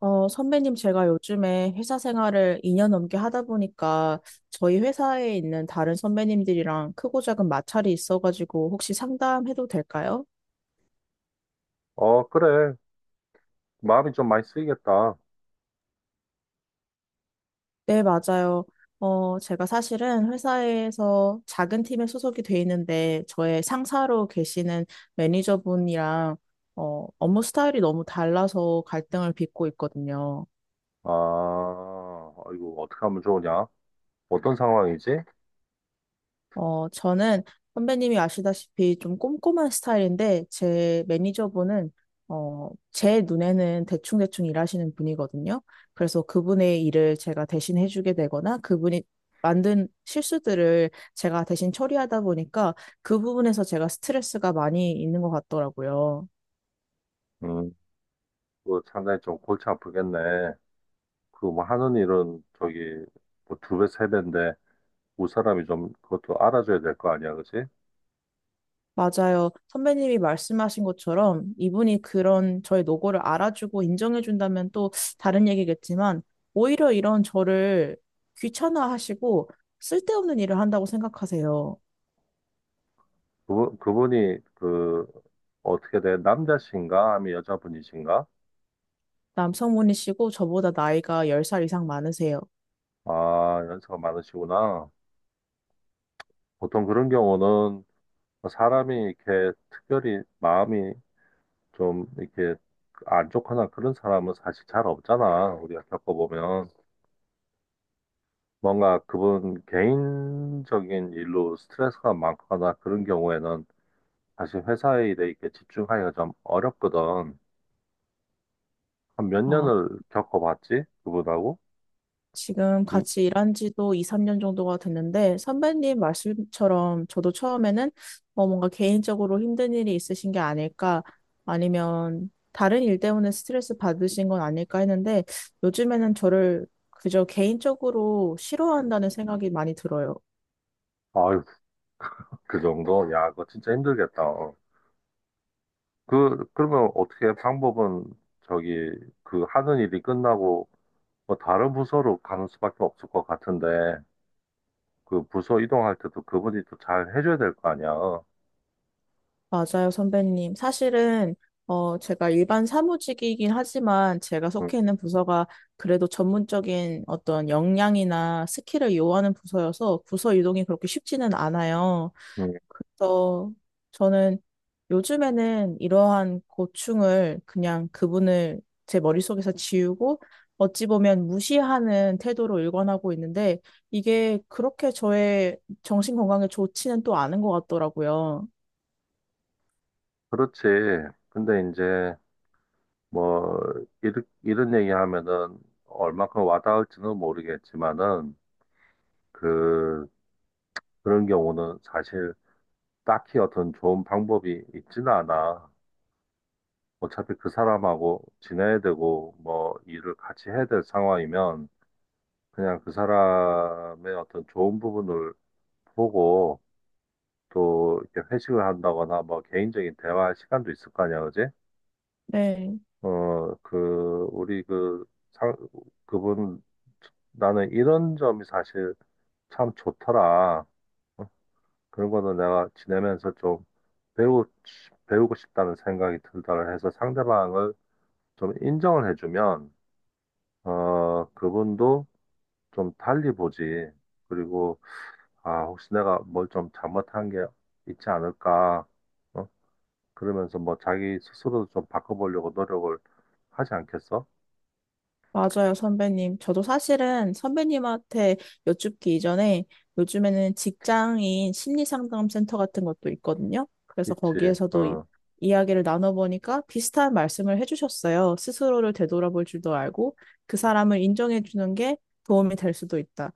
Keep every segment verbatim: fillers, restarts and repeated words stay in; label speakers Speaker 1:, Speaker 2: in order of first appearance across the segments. Speaker 1: 어, 선배님, 제가 요즘에 회사 생활을 이 년 넘게 하다 보니까 저희 회사에 있는 다른 선배님들이랑 크고 작은 마찰이 있어가지고 혹시 상담해도 될까요?
Speaker 2: 어, 그래. 마음이 좀 많이 쓰이겠다.
Speaker 1: 네, 맞아요. 어, 제가 사실은 회사에서 작은 팀에 소속이 돼 있는데 저의 상사로 계시는 매니저분이랑 어, 업무 스타일이 너무 달라서 갈등을 빚고 있거든요.
Speaker 2: 아, 이거 어떻게 하면 좋으냐? 어떤 상황이지?
Speaker 1: 어, 저는 선배님이 아시다시피 좀 꼼꼼한 스타일인데, 제 매니저분은, 어, 제 눈에는 대충대충 일하시는 분이거든요. 그래서 그분의 일을 제가 대신 해주게 되거나, 그분이 만든 실수들을 제가 대신 처리하다 보니까, 그 부분에서 제가 스트레스가 많이 있는 것 같더라고요.
Speaker 2: 음, 그 상당히 좀 골치 아프겠네. 그 뭐 하는 일은 저기 뭐 두 배, 세 배인데 우 사람이 좀 그것도 알아줘야 될 거 아니야, 그치?
Speaker 1: 맞아요. 선배님이 말씀하신 것처럼 이분이 그런 저의 노고를 알아주고 인정해준다면 또 다른 얘기겠지만 오히려 이런 저를 귀찮아하시고 쓸데없는 일을 한다고 생각하세요.
Speaker 2: 그분, 그분이 그 어떻게 돼? 남자신가? 아니면 여자분이신가?
Speaker 1: 남성분이시고 저보다 나이가 열 살 이상 많으세요.
Speaker 2: 아, 연세가 많으시구나. 보통 그런 경우는 뭐 사람이 이렇게 특별히 마음이 좀 이렇게 안좋거나 그런 사람은 사실 잘 없잖아. 우리가 겪어보면. 뭔가 그분 개인적인 일로 스트레스가 많거나 그런 경우에는 사실 회사 일에 이렇게 집중하기가 좀 어렵거든. 한 몇
Speaker 1: 아,
Speaker 2: 년을 겪어봤지? 그분하고?
Speaker 1: 지금
Speaker 2: 이,
Speaker 1: 같이 일한 지도 이, 삼 년 정도가 됐는데, 선배님 말씀처럼 저도 처음에는 어, 뭔가 개인적으로 힘든 일이 있으신 게 아닐까, 아니면 다른 일 때문에 스트레스 받으신 건 아닐까 했는데, 요즘에는 저를 그저 개인적으로 싫어한다는 생각이 많이 들어요.
Speaker 2: 아유, 그 정도? 야, 그거 진짜 힘들겠다. 그, 그러면 어떻게 방법은 저기, 그 하는 일이 끝나고 뭐 다른 부서로 가는 수밖에 없을 것 같은데. 그 부서 이동할 때도 그분이 또 잘 해줘야 될 거 아니야.
Speaker 1: 맞아요, 선배님. 사실은, 어, 제가 일반 사무직이긴 하지만 제가
Speaker 2: 응,
Speaker 1: 속해 있는 부서가 그래도 전문적인 어떤 역량이나 스킬을 요하는 부서여서 부서 이동이 그렇게 쉽지는 않아요.
Speaker 2: 응.
Speaker 1: 그래서 저는 요즘에는 이러한 고충을 그냥 그분을 제 머릿속에서 지우고 어찌 보면 무시하는 태도로 일관하고 있는데 이게 그렇게 저의 정신 건강에 좋지는 또 않은 것 같더라고요.
Speaker 2: 그렇지. 근데 이제 뭐 이르, 이런 얘기하면은 얼마큼 와닿을지는 모르겠지만은 그 그런 경우는 사실 딱히 어떤 좋은 방법이 있지는 않아. 어차피 그 사람하고 지내야 되고 뭐 일을 같이 해야 될 상황이면 그냥 그 사람의 어떤 좋은 부분을 보고 또 이렇게 회식을 한다거나 뭐 개인적인 대화 시간도 있을 거 아니야, 그지?
Speaker 1: 네.
Speaker 2: 어, 그 우리 그 상, 그분 나는 이런 점이 사실 참 좋더라. 어, 그런 거는 내가 지내면서 좀 배우고 싶- 배우고 싶다는 생각이 들다를 해서 상대방을 좀 인정을 해주면 어, 그분도 좀 달리 보지. 그리고 아, 혹시 내가 뭘 좀 잘못한 게 있지 않을까? 어? 그러면서 뭐 자기 스스로도 좀 바꿔보려고 노력을 하지 않겠어?
Speaker 1: 맞아요, 선배님. 저도 사실은 선배님한테 여쭙기 이전에 요즘에는 직장인 심리상담센터 같은 것도 있거든요. 그래서
Speaker 2: 있지.
Speaker 1: 거기에서도 이,
Speaker 2: 어,
Speaker 1: 이야기를 나눠보니까 비슷한 말씀을 해주셨어요. 스스로를 되돌아볼 줄도 알고 그 사람을 인정해주는 게 도움이 될 수도 있다.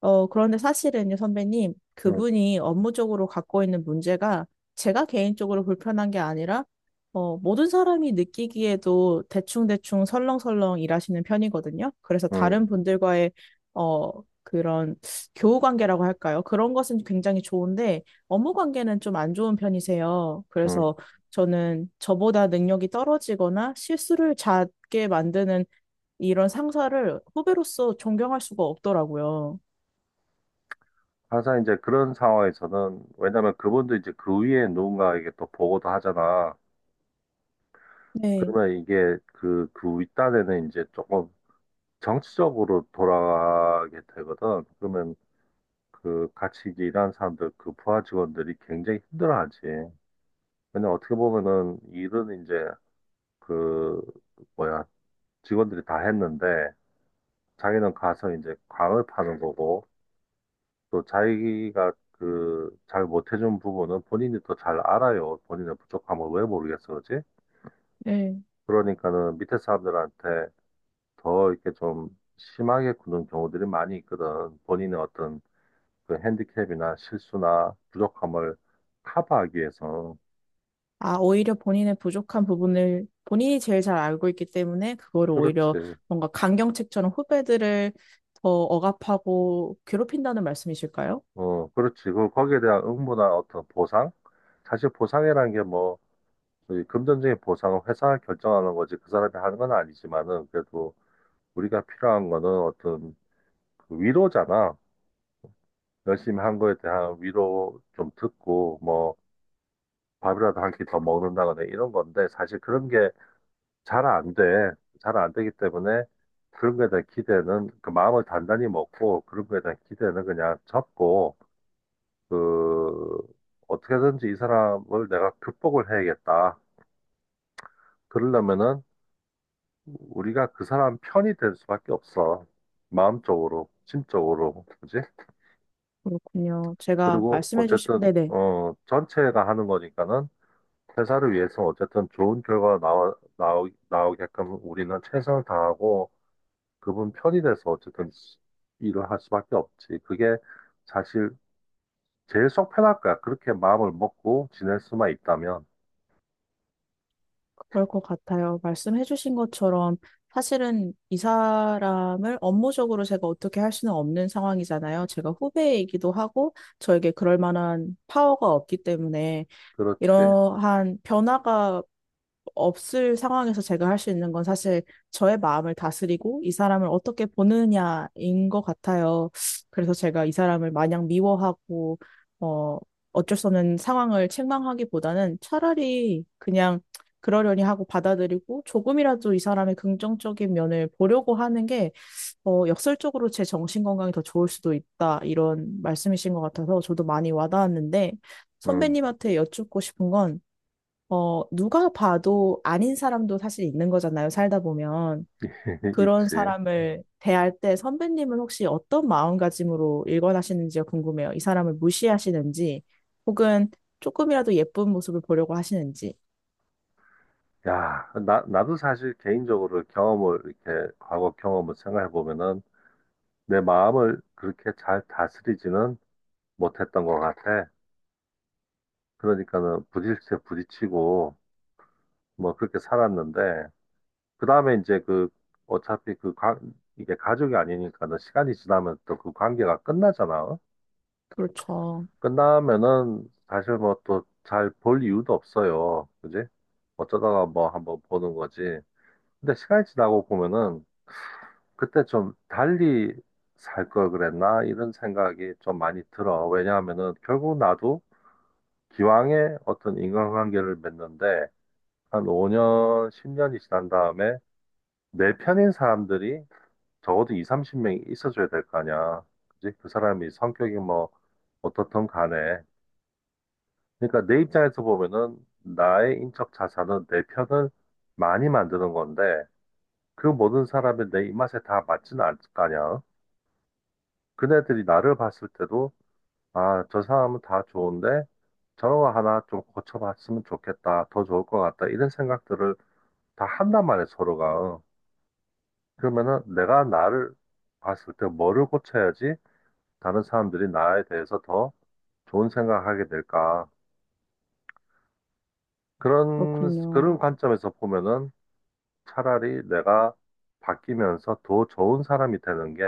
Speaker 1: 어, 그런데 사실은요, 선배님,
Speaker 2: 음,
Speaker 1: 그분이 업무적으로 갖고 있는 문제가 제가 개인적으로 불편한 게 아니라, 어, 모든 사람이 느끼기에도 대충대충 설렁설렁 일하시는 편이거든요. 그래서 다른
Speaker 2: 음,
Speaker 1: 분들과의, 어, 그런 교우 관계라고 할까요? 그런 것은 굉장히 좋은데, 업무 관계는 좀 안 좋은 편이세요.
Speaker 2: 음.
Speaker 1: 그래서 저는 저보다 능력이 떨어지거나 실수를 잦게 만드는 이런 상사를 후배로서 존경할 수가 없더라고요.
Speaker 2: 항상 이제 그런 상황에서는 왜냐면 그분도 이제 그 위에 누군가에게 또 보고도 하잖아.
Speaker 1: 네.
Speaker 2: 그러면 이게 그, 그 윗단에는 이제 조금 정치적으로 돌아가게 되거든. 그러면 그 같이 이제 일하는 사람들, 그 부하 직원들이 굉장히 힘들어하지. 왜냐면 어떻게 보면은 일은 이제 그 뭐야 직원들이 다 했는데 자기는 가서 이제 광을 파는 거고, 또 자기가 그 잘 못해준 부분은 본인이 또 잘 알아요. 본인의 부족함을 왜 모르겠어, 그지?
Speaker 1: 네.
Speaker 2: 그러니까는 밑에 사람들한테 더 이렇게 좀 심하게 구는 경우들이 많이 있거든. 본인의 어떤 그 핸디캡이나 실수나 부족함을 커버하기 위해서.
Speaker 1: 아, 오히려 본인의 부족한 부분을 본인이 제일 잘 알고 있기 때문에 그거를 오히려
Speaker 2: 그렇지.
Speaker 1: 뭔가 강경책처럼 후배들을 더 억압하고 괴롭힌다는 말씀이실까요?
Speaker 2: 어, 그렇지. 그 거기에 대한 응모나 어떤 보상? 사실 보상이라는 게뭐 저희 금전적인 보상은 회사가 결정하는 거지 그 사람이 하는 건 아니지만은 그래도 우리가 필요한 거는 어떤 그 위로잖아. 열심히 한 거에 대한 위로 좀 듣고 뭐 밥이라도 한 끼 더 먹는다거나 이런 건데 사실 그런 게 잘 안 돼. 잘 안 되기 때문에 그런 거에 대한 기대는 그 마음을 단단히 먹고 그런 거에 대한 기대는 그냥 접고 그 어떻게든지 이 사람을 내가 극복을 해야겠다. 그러려면은 우리가 그 사람 편이 될 수밖에 없어. 마음적으로, 심적으로, 그지?
Speaker 1: 그렇군요. 제가
Speaker 2: 그리고
Speaker 1: 말씀해 주신,
Speaker 2: 어쨌든
Speaker 1: 네네,
Speaker 2: 어 전체가 하는 거니까는 회사를 위해서 어쨌든 좋은 결과가 나와 나오, 나오게끔 우리는 최선을 다하고 그분 편이 돼서 어쨌든 일을 할 수밖에 없지. 그게 사실 제일 속 편할 거야. 그렇게 마음을 먹고 지낼 수만 있다면.
Speaker 1: 그럴 것 같아요. 말씀해 주신 것처럼 사실은 이 사람을 업무적으로 제가 어떻게 할 수는 없는 상황이잖아요. 제가 후배이기도 하고 저에게 그럴 만한 파워가 없기 때문에
Speaker 2: 그렇지.
Speaker 1: 이러한 변화가 없을 상황에서 제가 할 수 있는 건 사실 저의 마음을 다스리고 이 사람을 어떻게 보느냐인 것 같아요. 그래서 제가 이 사람을 마냥 미워하고, 어, 어쩔 수 없는 상황을 책망하기보다는 차라리 그냥 그러려니 하고 받아들이고 조금이라도 이 사람의 긍정적인 면을 보려고 하는 게, 어, 역설적으로 제 정신 건강이 더 좋을 수도 있다. 이런 말씀이신 것 같아서 저도 많이 와닿았는데,
Speaker 2: 음,
Speaker 1: 선배님한테 여쭙고 싶은 건 어, 누가 봐도 아닌 사람도 사실 있는 거잖아요, 살다 보면. 그런
Speaker 2: 있지.
Speaker 1: 사람을 대할 때 선배님은 혹시 어떤 마음가짐으로 일관하시는지가 궁금해요. 이 사람을 무시하시는지, 혹은 조금이라도 예쁜 모습을 보려고 하시는지.
Speaker 2: 야, 나, 나도 사실 개인적으로 경험을, 이렇게, 과거 경험을 생각해 보면은, 내 마음을 그렇게 잘 다스리지는 못했던 것 같아. 그러니까는 부딪혀 부딪히고, 뭐, 그렇게 살았는데, 그 다음에 이제 그, 어차피 그, 가, 이게 가족이 아니니까는 시간이 지나면 또 그 관계가 끝나잖아.
Speaker 1: 그렇죠.
Speaker 2: 끝나면은, 사실 뭐 또 잘 볼 이유도 없어요. 그지? 어쩌다가 뭐 한번 보는 거지. 근데 시간이 지나고 보면은, 그때 좀 달리 살 걸 그랬나? 이런 생각이 좀 많이 들어. 왜냐하면은 결국 나도 기왕에 어떤 인간관계를 맺는데 한 오 년, 십 년이 지난 다음에 내 편인 사람들이 적어도 이십, 삼십 명이 있어줘야 될 거 아니야. 그지? 그 사람이 성격이 뭐 어떻든 간에. 그러니까 내 입장에서 보면은 나의 인적 자산은 내 편을 많이 만드는 건데 그 모든 사람이 내 입맛에 다 맞지는 않을 거 아니야. 그네들이 나를 봤을 때도 아, 저 사람은 다 좋은데 저런 거 하나 좀 고쳐봤으면 좋겠다. 더 좋을 것 같다. 이런 생각들을 다 한단 말이에요, 서로가. 그러면은 내가 나를 봤을 때 뭐를 고쳐야지 다른 사람들이 나에 대해서 더 좋은 생각하게 될까. 그런,
Speaker 1: 그렇군요.
Speaker 2: 그런 관점에서 보면은 차라리 내가 바뀌면서 더 좋은 사람이 되는 게,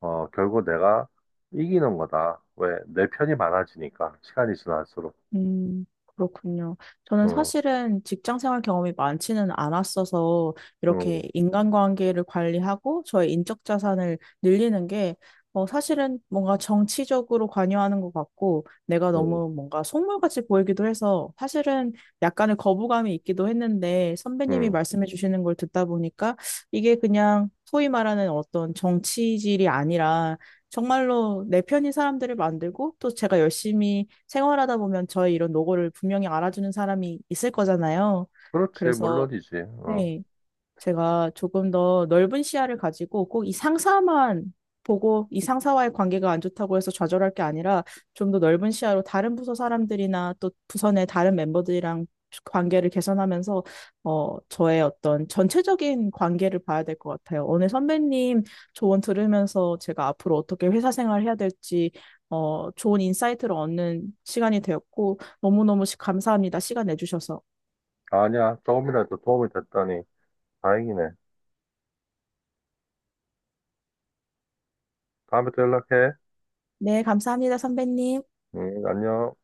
Speaker 2: 어, 결국 내가 이기는 거다. 왜? 내 편이 많아지니까. 시간이 지날수록.
Speaker 1: 음, 그렇군요. 저는
Speaker 2: 응,
Speaker 1: 사실은 직장 생활 경험이 많지는 않았어서 이렇게
Speaker 2: 응,
Speaker 1: 인간관계를 관리하고 저의 인적 자산을 늘리는 게 어, 사실은 뭔가 정치적으로 관여하는 것 같고 내가
Speaker 2: 응,
Speaker 1: 너무 뭔가 속물같이 보이기도 해서 사실은 약간의 거부감이 있기도 했는데 선배님이
Speaker 2: 응.
Speaker 1: 말씀해 주시는 걸 듣다 보니까 이게 그냥 소위 말하는 어떤 정치질이 아니라 정말로 내 편인 사람들을 만들고 또 제가 열심히 생활하다 보면 저의 이런 노고를 분명히 알아주는 사람이 있을 거잖아요.
Speaker 2: 그렇지,
Speaker 1: 그래서
Speaker 2: 물론이지. 어.
Speaker 1: 네, 제가 조금 더 넓은 시야를 가지고 꼭 이 상사만 보고 이 상사와의 관계가 안 좋다고 해서 좌절할 게 아니라 좀 더 넓은 시야로 다른 부서 사람들이나 또 부서 내 다른 멤버들이랑 관계를 개선하면서 어, 저의 어떤 전체적인 관계를 봐야 될 것 같아요. 오늘 선배님 조언 들으면서 제가 앞으로 어떻게 회사 생활을 해야 될지 어, 좋은 인사이트를 얻는 시간이 되었고 너무너무 시- 감사합니다. 시간 내주셔서.
Speaker 2: 아, 아니야, 조금이라도 도움이 됐다니. 다행이네. 다음에 또 연락해.
Speaker 1: 네, 감사합니다, 선배님.
Speaker 2: 응, 안녕.